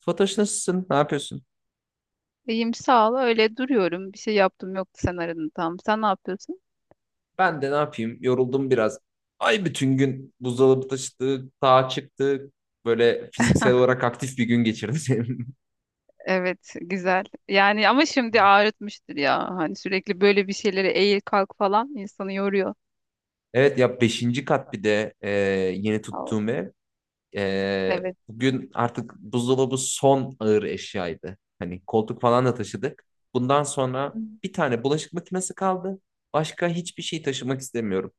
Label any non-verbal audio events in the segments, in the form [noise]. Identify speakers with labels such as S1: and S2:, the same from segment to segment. S1: Fatoş nasılsın? Ne yapıyorsun?
S2: İyiyim, sağ ol. Öyle duruyorum. Bir şey yaptım, yoktu, sen aradın tam. Sen ne yapıyorsun?
S1: Ben de ne yapayım? Yoruldum biraz. Ay bütün gün buzdolabı taşıdık, sağa çıktık. Böyle fiziksel olarak aktif bir gün geçirdim. [laughs]
S2: Evet, güzel. Yani ama şimdi ağrıtmıştır ya. Hani sürekli böyle bir şeylere eğil kalk falan insanı yoruyor.
S1: Evet ya beşinci kat bir de yeni
S2: Al,
S1: tuttuğum ev.
S2: evet.
S1: Bugün artık buzdolabı son ağır eşyaydı. Hani koltuk falan da taşıdık. Bundan
S2: Hı.
S1: sonra bir tane bulaşık makinesi kaldı. Başka hiçbir şey taşımak istemiyorum.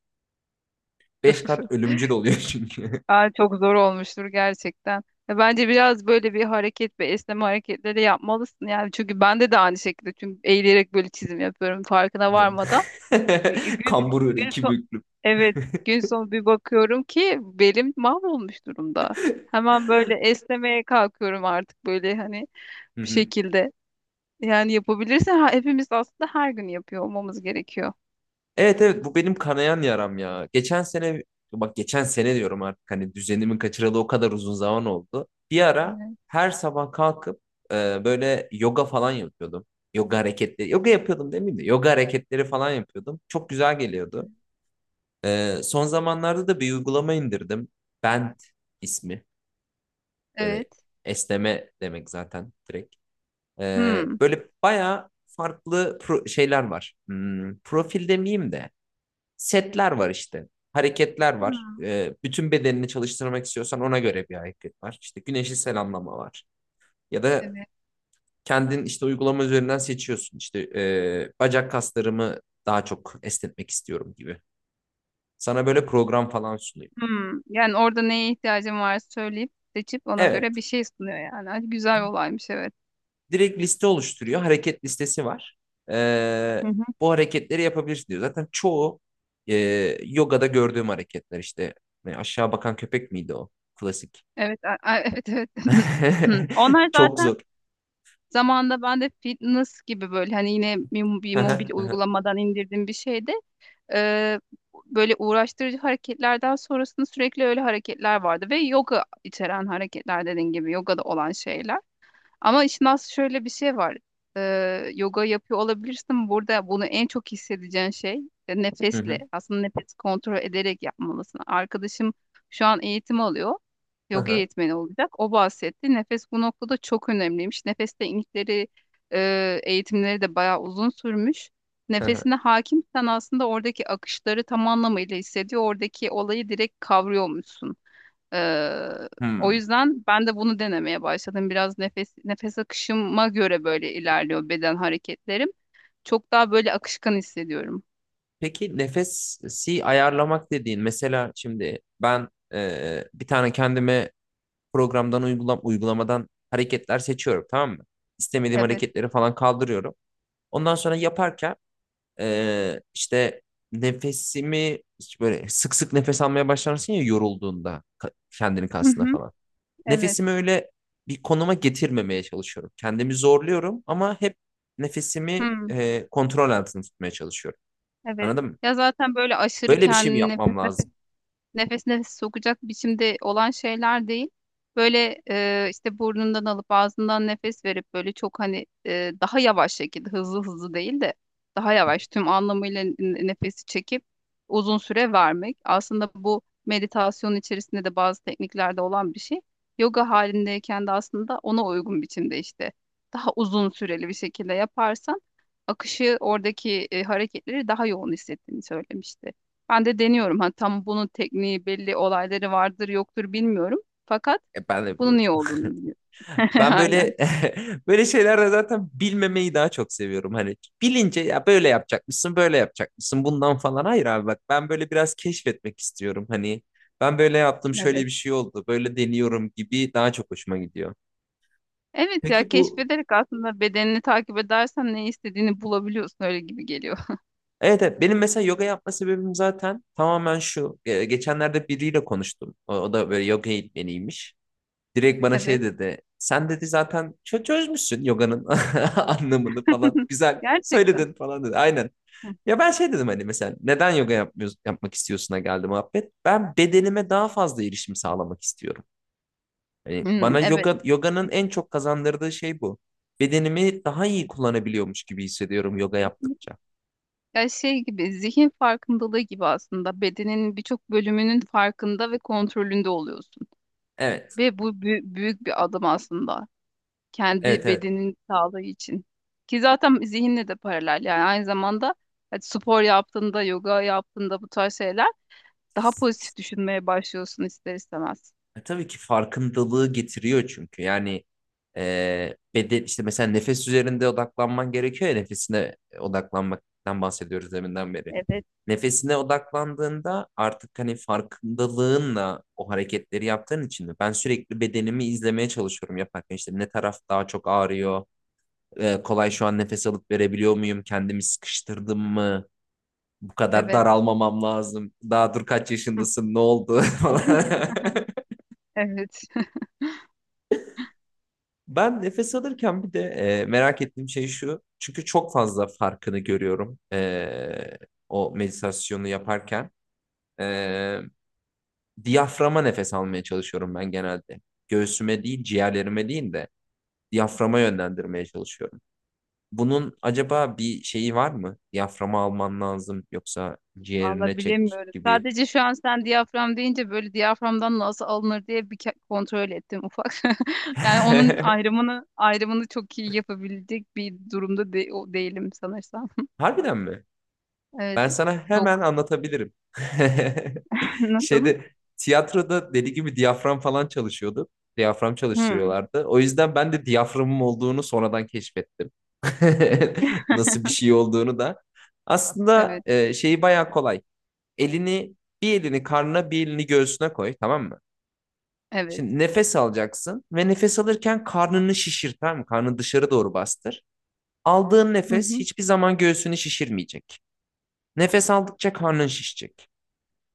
S1: Beş kat ölümcül oluyor çünkü.
S2: Aa, çok zor olmuştur gerçekten. Ya bence biraz böyle bir hareket ve esneme hareketleri yapmalısın yani, çünkü bende de aynı şekilde, çünkü eğilerek böyle çizim yapıyorum farkına varmadan. Bir-
S1: [laughs]
S2: Gün,
S1: Kambur öyle
S2: gün
S1: iki
S2: son,
S1: büklüm.
S2: evet gün sonu bir bakıyorum ki belim mahvolmuş durumda. Hemen böyle esnemeye kalkıyorum artık, böyle hani bir
S1: [laughs]
S2: şekilde. Yani yapabilirsen ha, hepimiz aslında her gün yapıyor olmamız gerekiyor.
S1: Evet, evet, bu benim kanayan yaram ya. Geçen sene bak geçen sene diyorum artık hani düzenimi kaçıralı o kadar uzun zaman oldu. Bir ara
S2: Evet.
S1: her sabah kalkıp böyle yoga falan yapıyordum. Yoga hareketleri, yoga yapıyordum demeyeyim de yoga hareketleri falan yapıyordum. Çok güzel geliyordu. Son zamanlarda da bir uygulama indirdim. Bent ismi
S2: Evet.
S1: böyle esneme demek zaten direkt.
S2: Hmm.
S1: Böyle bayağı farklı şeyler var. Profil demeyeyim de setler var işte. Hareketler var.
S2: Hmm.
S1: Bütün bedenini çalıştırmak istiyorsan ona göre bir hareket var. İşte güneşi selamlama var. Ya da
S2: Evet.
S1: kendin işte uygulama üzerinden seçiyorsun. İşte bacak kaslarımı daha çok esnetmek istiyorum gibi. Sana böyle program falan sunuyor.
S2: Hmm. Yani orada neye ihtiyacım var söyleyip seçip ona
S1: Evet.
S2: göre bir şey sunuyor yani. Ay, güzel olaymış, evet.
S1: Direkt liste oluşturuyor. Hareket listesi var. Ee,
S2: Hı hı.
S1: Bu hareketleri yapabilirsin diyor. Zaten çoğu e, yogada gördüğüm hareketler işte. Aşağı bakan köpek miydi o? Klasik.
S2: Evet, evet evet. [laughs] [clears throat]
S1: [laughs]
S2: Onlar
S1: Çok
S2: zaten
S1: zor.
S2: zamanında ben de fitness gibi, böyle hani, yine bir
S1: Hı
S2: mobil
S1: hı, hı hı,
S2: uygulamadan indirdiğim bir şeydi. Ee, Böyle uğraştırıcı hareketlerden sonrasında sürekli öyle hareketler vardı ve yoga içeren hareketler, dediğin gibi yogada olan şeyler. Ama işin aslında şöyle bir şey var. Yoga yapıyor olabilirsin. Burada bunu en çok hissedeceğin şey
S1: hı
S2: nefesle.
S1: hı,
S2: Aslında nefes kontrol ederek yapmalısın. Arkadaşım şu an eğitim alıyor.
S1: hı
S2: Yoga
S1: hı,
S2: eğitmeni olacak. O bahsetti. Nefes bu noktada çok önemliymiş. Nefes teknikleri, eğitimleri de bayağı uzun sürmüş.
S1: hı hı.
S2: Nefesine hakimsen aslında oradaki akışları tam anlamıyla hissediyor. Oradaki olayı direkt kavrıyormuşsun. Ee, O
S1: Hmm.
S2: yüzden ben de bunu denemeye başladım. Biraz nefes akışıma göre böyle ilerliyor beden hareketlerim. Çok daha böyle akışkan hissediyorum.
S1: Peki nefesi ayarlamak dediğin mesela şimdi ben bir tane kendime programdan uygulamadan hareketler seçiyorum, tamam mı? İstemediğim
S2: Evet.
S1: hareketleri falan kaldırıyorum. Ondan sonra yaparken işte nefesimi işte böyle sık sık nefes almaya başlarsın ya yorulduğunda kendini
S2: Hı
S1: kasında
S2: hı.
S1: falan.
S2: Evet.
S1: Nefesimi öyle bir konuma getirmemeye çalışıyorum. Kendimi zorluyorum ama hep nefesimi
S2: Hı.
S1: kontrol altında tutmaya çalışıyorum.
S2: Evet.
S1: Anladın mı?
S2: Ya zaten böyle aşırı
S1: Böyle bir şey mi
S2: kendini nefes
S1: yapmam
S2: nefes
S1: lazım?
S2: nefes nefes sokacak biçimde olan şeyler değil. Böyle işte burnundan alıp ağzından nefes verip böyle çok hani daha yavaş şekilde, hızlı hızlı değil de daha yavaş, tüm anlamıyla nefesi çekip uzun süre vermek. Aslında bu meditasyon içerisinde de bazı tekniklerde olan bir şey. Yoga halindeyken de aslında ona uygun biçimde, işte daha uzun süreli bir şekilde yaparsan akışı oradaki hareketleri daha yoğun hissettiğini söylemişti. Ben de deniyorum. Ha, tam bunun tekniği belli olayları vardır yoktur bilmiyorum. Fakat
S1: Ben de
S2: bunun
S1: bilmiyorum.
S2: iyi olduğunu biliyorum. [laughs]
S1: Ben
S2: Aynen.
S1: böyle [laughs] böyle şeylerle zaten bilmemeyi daha çok seviyorum. Hani bilince ya böyle yapacakmışsın, böyle yapacakmışsın bundan falan. Hayır abi bak ben böyle biraz keşfetmek istiyorum. Hani ben böyle yaptım, şöyle
S2: Evet.
S1: bir şey oldu, böyle deniyorum gibi daha çok hoşuma gidiyor.
S2: Evet ya,
S1: Peki bu
S2: keşfederek aslında bedenini takip edersen ne istediğini bulabiliyorsun, öyle gibi geliyor. [laughs]
S1: Evet, evet. Benim mesela yoga yapma sebebim zaten tamamen şu. Geçenlerde biriyle konuştum. O da böyle yoga eğitmeniymiş. Direkt bana şey
S2: Evet.
S1: dedi. Sen dedi zaten çözmüşsün yoganın [laughs] anlamını falan.
S2: [laughs]
S1: Güzel
S2: Gerçekten.
S1: söyledin falan dedi. Aynen.
S2: Hı.
S1: Ya ben şey dedim hani mesela neden yoga yapmıyorsun, yapmak istiyorsun'a geldi muhabbet. Ben bedenime daha fazla erişim sağlamak istiyorum. Hani
S2: Hmm,
S1: bana
S2: evet.
S1: yoganın
S2: Kes-
S1: en çok kazandırdığı şey bu. Bedenimi daha iyi kullanabiliyormuş gibi hissediyorum yoga
S2: Kesinlikle.
S1: yaptıkça.
S2: Ya şey gibi, zihin farkındalığı gibi, aslında bedenin birçok bölümünün farkında ve kontrolünde oluyorsun.
S1: Evet,
S2: Ve bu büyük bir adım aslında.
S1: evet,
S2: Kendi
S1: evet.
S2: bedenin sağlığı için. Ki zaten zihinle de paralel, yani aynı zamanda hadi spor yaptığında, yoga yaptığında bu tarz şeyler daha pozitif düşünmeye başlıyorsun ister istemez.
S1: Tabii ki farkındalığı getiriyor çünkü. Yani beden işte mesela nefes üzerinde odaklanman gerekiyor ya, nefesine odaklanmaktan bahsediyoruz deminden beri.
S2: Evet,
S1: Nefesine odaklandığında artık hani farkındalığınla o hareketleri yaptığın için de ben sürekli bedenimi izlemeye çalışıyorum yaparken, işte ne taraf daha çok ağrıyor, kolay şu an nefes alıp verebiliyor muyum, kendimi sıkıştırdım mı, bu kadar
S2: evet.
S1: daralmamam lazım, daha dur kaç yaşındasın, ne oldu [laughs] falan.
S2: [laughs] Evet.
S1: Ben nefes alırken bir de merak ettiğim şey şu. Çünkü çok fazla farkını görüyorum o meditasyonu yaparken. E, Diyaframa nefes almaya çalışıyorum ben genelde. Göğsüme değil, ciğerlerime değil de diyaframa yönlendirmeye çalışıyorum. Bunun acaba bir şeyi var mı? Diyaframa alman lazım yoksa
S2: Valla
S1: ciğerine çek
S2: bilemiyorum.
S1: gibi.
S2: Sadece şu an sen diyafram deyince böyle diyaframdan nasıl alınır diye bir kontrol ettim ufak. [laughs] Yani onun
S1: [laughs]
S2: ayrımını çok iyi yapabilecek bir durumda o değilim sanırsam.
S1: Harbiden mi?
S2: Evet.
S1: Ben sana hemen
S2: Yok.
S1: anlatabilirim. [laughs]
S2: [laughs] Nasıl?
S1: Şeyde tiyatroda deli gibi diyafram falan çalışıyordu. Diyafram
S2: Hmm.
S1: çalıştırıyorlardı. O yüzden ben de diyaframım olduğunu sonradan keşfettim. [laughs] Nasıl bir şey olduğunu da. Aslında
S2: Evet.
S1: şeyi bayağı kolay. Elini Bir elini karnına, bir elini göğsüne koy, tamam mı?
S2: Evet.
S1: Şimdi nefes alacaksın ve nefes alırken karnını şişir, tamam mı? Karnını dışarı doğru bastır. Aldığın
S2: Hı
S1: nefes
S2: hı.
S1: hiçbir zaman göğsünü şişirmeyecek. Nefes aldıkça karnın şişecek.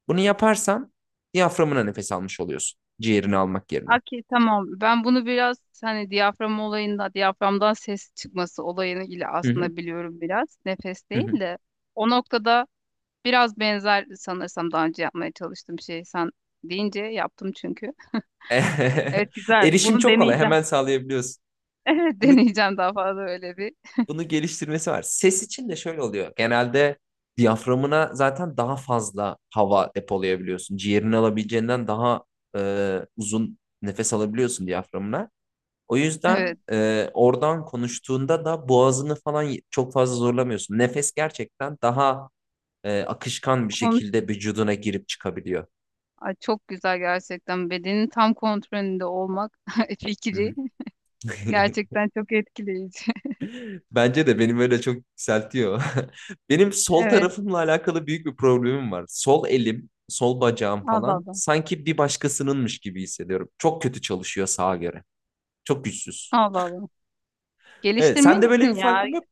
S1: Bunu yaparsan diyaframına nefes almış oluyorsun. Ciğerini almak yerine.
S2: Okey, tamam. Ben bunu biraz hani diyafram olayında diyaframdan ses çıkması olayını ile
S1: Hı hı,
S2: aslında biliyorum biraz. Nefes
S1: hı hı.
S2: değil de o noktada biraz benzer sanırsam daha önce yapmaya çalıştığım şey, sen deyince yaptım çünkü. Evet,
S1: [laughs]
S2: güzel.
S1: Erişim
S2: Bunu
S1: çok kolay.
S2: deneyeceğim.
S1: Hemen
S2: [laughs]
S1: sağlayabiliyorsun.
S2: Evet,
S1: Bunu
S2: deneyeceğim daha fazla öyle bir.
S1: bunu geliştirmesi var. Ses için de şöyle oluyor. Genelde diyaframına zaten daha fazla hava depolayabiliyorsun. Ciğerini alabileceğinden daha uzun nefes alabiliyorsun diyaframına. O yüzden
S2: Evet.
S1: oradan konuştuğunda da boğazını falan çok fazla zorlamıyorsun. Nefes gerçekten daha akışkan bir
S2: Konuş.
S1: şekilde vücuduna girip çıkabiliyor.
S2: Ay, çok güzel gerçekten. Bedenin tam kontrolünde olmak [laughs]
S1: Hı hı.
S2: fikri
S1: [laughs]
S2: gerçekten çok etkileyici.
S1: Bence de benim öyle çok yükseltiyor. [laughs] Benim
S2: [laughs]
S1: sol
S2: Evet.
S1: tarafımla alakalı büyük bir problemim var. Sol elim, sol bacağım
S2: Allah
S1: falan
S2: Allah.
S1: sanki bir başkasınınmış gibi hissediyorum. Çok kötü çalışıyor sağa göre. Çok güçsüz.
S2: Allah Allah.
S1: Evet, sende böyle bir
S2: Geliştirmelisin ya.
S1: farkın yok.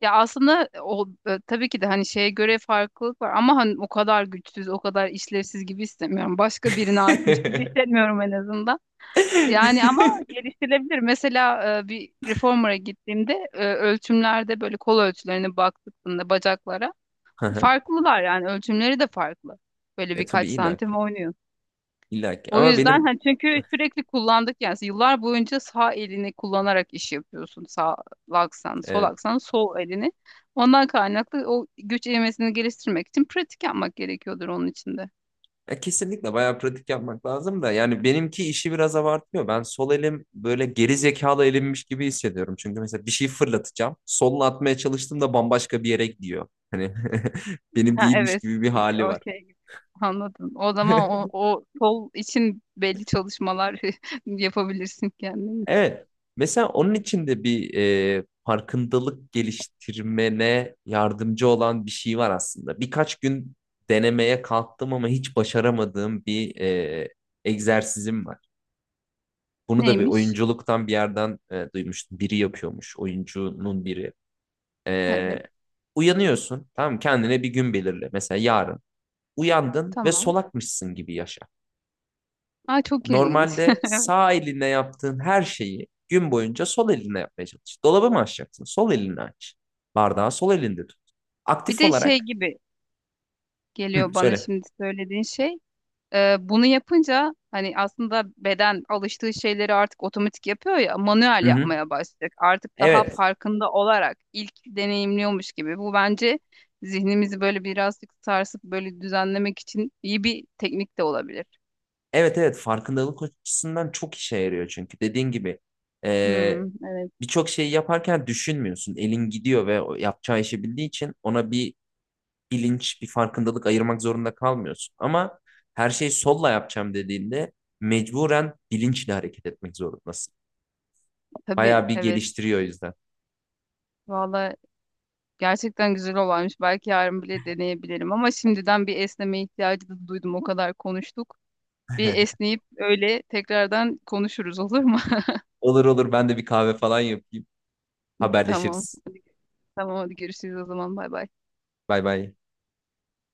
S2: Ya aslında o tabii ki de hani şeye göre farklılık var, ama hani o kadar güçsüz, o kadar işlevsiz gibi istemiyorum. Başka birine aitmiş gibi
S1: [laughs]
S2: hissetmiyorum en azından. Yani ama geliştirilebilir. Mesela bir reformer'a gittiğimde ölçümlerde böyle kol ölçülerine baktığımda bacaklara
S1: Hı hı.
S2: farklılar, yani ölçümleri de farklı. Böyle
S1: Tabii
S2: birkaç
S1: illaki.
S2: santim oynuyor.
S1: Illaki.
S2: O
S1: Ama
S2: yüzden
S1: benim
S2: hani, çünkü sürekli kullandık yani, yıllar boyunca sağ elini kullanarak iş yapıyorsun. Sağ aksan, sol
S1: evet
S2: aksan, sol elini. Ondan kaynaklı o güç eğmesini geliştirmek için pratik yapmak gerekiyordur onun içinde.
S1: Ya kesinlikle bayağı pratik yapmak lazım da yani benimki işi biraz abartıyor. Ben sol elim böyle geri zekalı elimmiş gibi hissediyorum. Çünkü mesela bir şey fırlatacağım. Solla atmaya çalıştığımda bambaşka bir yere gidiyor. Hani [laughs] benim
S2: Ha,
S1: değilmiş
S2: evet,
S1: gibi bir hali
S2: o
S1: var.
S2: şey gibi. Anladım. O zaman o,
S1: [laughs]
S2: o sol için belli çalışmalar [laughs] yapabilirsin kendin için.
S1: Evet. Mesela onun için de bir farkındalık geliştirmene yardımcı olan bir şey var aslında. Birkaç gün denemeye kalktım ama hiç başaramadığım bir egzersizim var. Bunu da bir
S2: Neymiş?
S1: oyunculuktan bir yerden duymuştum. Biri yapıyormuş. Oyuncunun biri.
S2: Evet,
S1: E, Uyanıyorsun. Tamam mı? Kendine bir gün belirle. Mesela yarın. Uyandın ve
S2: tamam.
S1: solakmışsın gibi yaşa.
S2: Aa, çok ilginç.
S1: Normalde
S2: [laughs]
S1: sağ eline yaptığın her şeyi gün boyunca sol eline yapmaya çalış. Dolabı mı açacaksın? Sol elinle aç. Bardağı sol elinde tut.
S2: Bir
S1: Aktif
S2: de şey
S1: olarak.
S2: gibi
S1: Hı,
S2: geliyor bana
S1: söyle.
S2: şimdi söylediğin şey. Bunu yapınca hani aslında beden alıştığı şeyleri artık otomatik yapıyor ya, manuel
S1: Hı hı.
S2: yapmaya başlayacak. Artık daha
S1: Evet.
S2: farkında olarak ilk deneyimliyormuş gibi. Bu bence zihnimizi böyle birazcık sarsıp böyle düzenlemek için iyi bir teknik de olabilir.
S1: Evet, evet, farkındalık açısından çok işe yarıyor çünkü dediğin gibi
S2: Hmm,
S1: e,
S2: evet,
S1: birçok şeyi yaparken düşünmüyorsun. Elin gidiyor ve o yapacağı işi bildiği için ona bir bilinç, bir farkındalık ayırmak zorunda kalmıyorsun. Ama her şeyi solla yapacağım dediğinde mecburen bilinçle hareket etmek zorundasın.
S2: tabii,
S1: Bayağı bir
S2: evet.
S1: geliştiriyor o yüzden.
S2: Valla gerçekten güzel olaymış. Belki yarın bile deneyebilirim ama şimdiden bir esneme ihtiyacı da duydum. O kadar konuştuk. Bir
S1: [laughs]
S2: esneyip öyle tekrardan konuşuruz, olur mu?
S1: Olur, olur, ben de bir kahve falan yapayım.
S2: [laughs] Tamam.
S1: Haberleşiriz.
S2: Tamam, hadi görüşürüz o zaman, bay bay.
S1: Bay bay.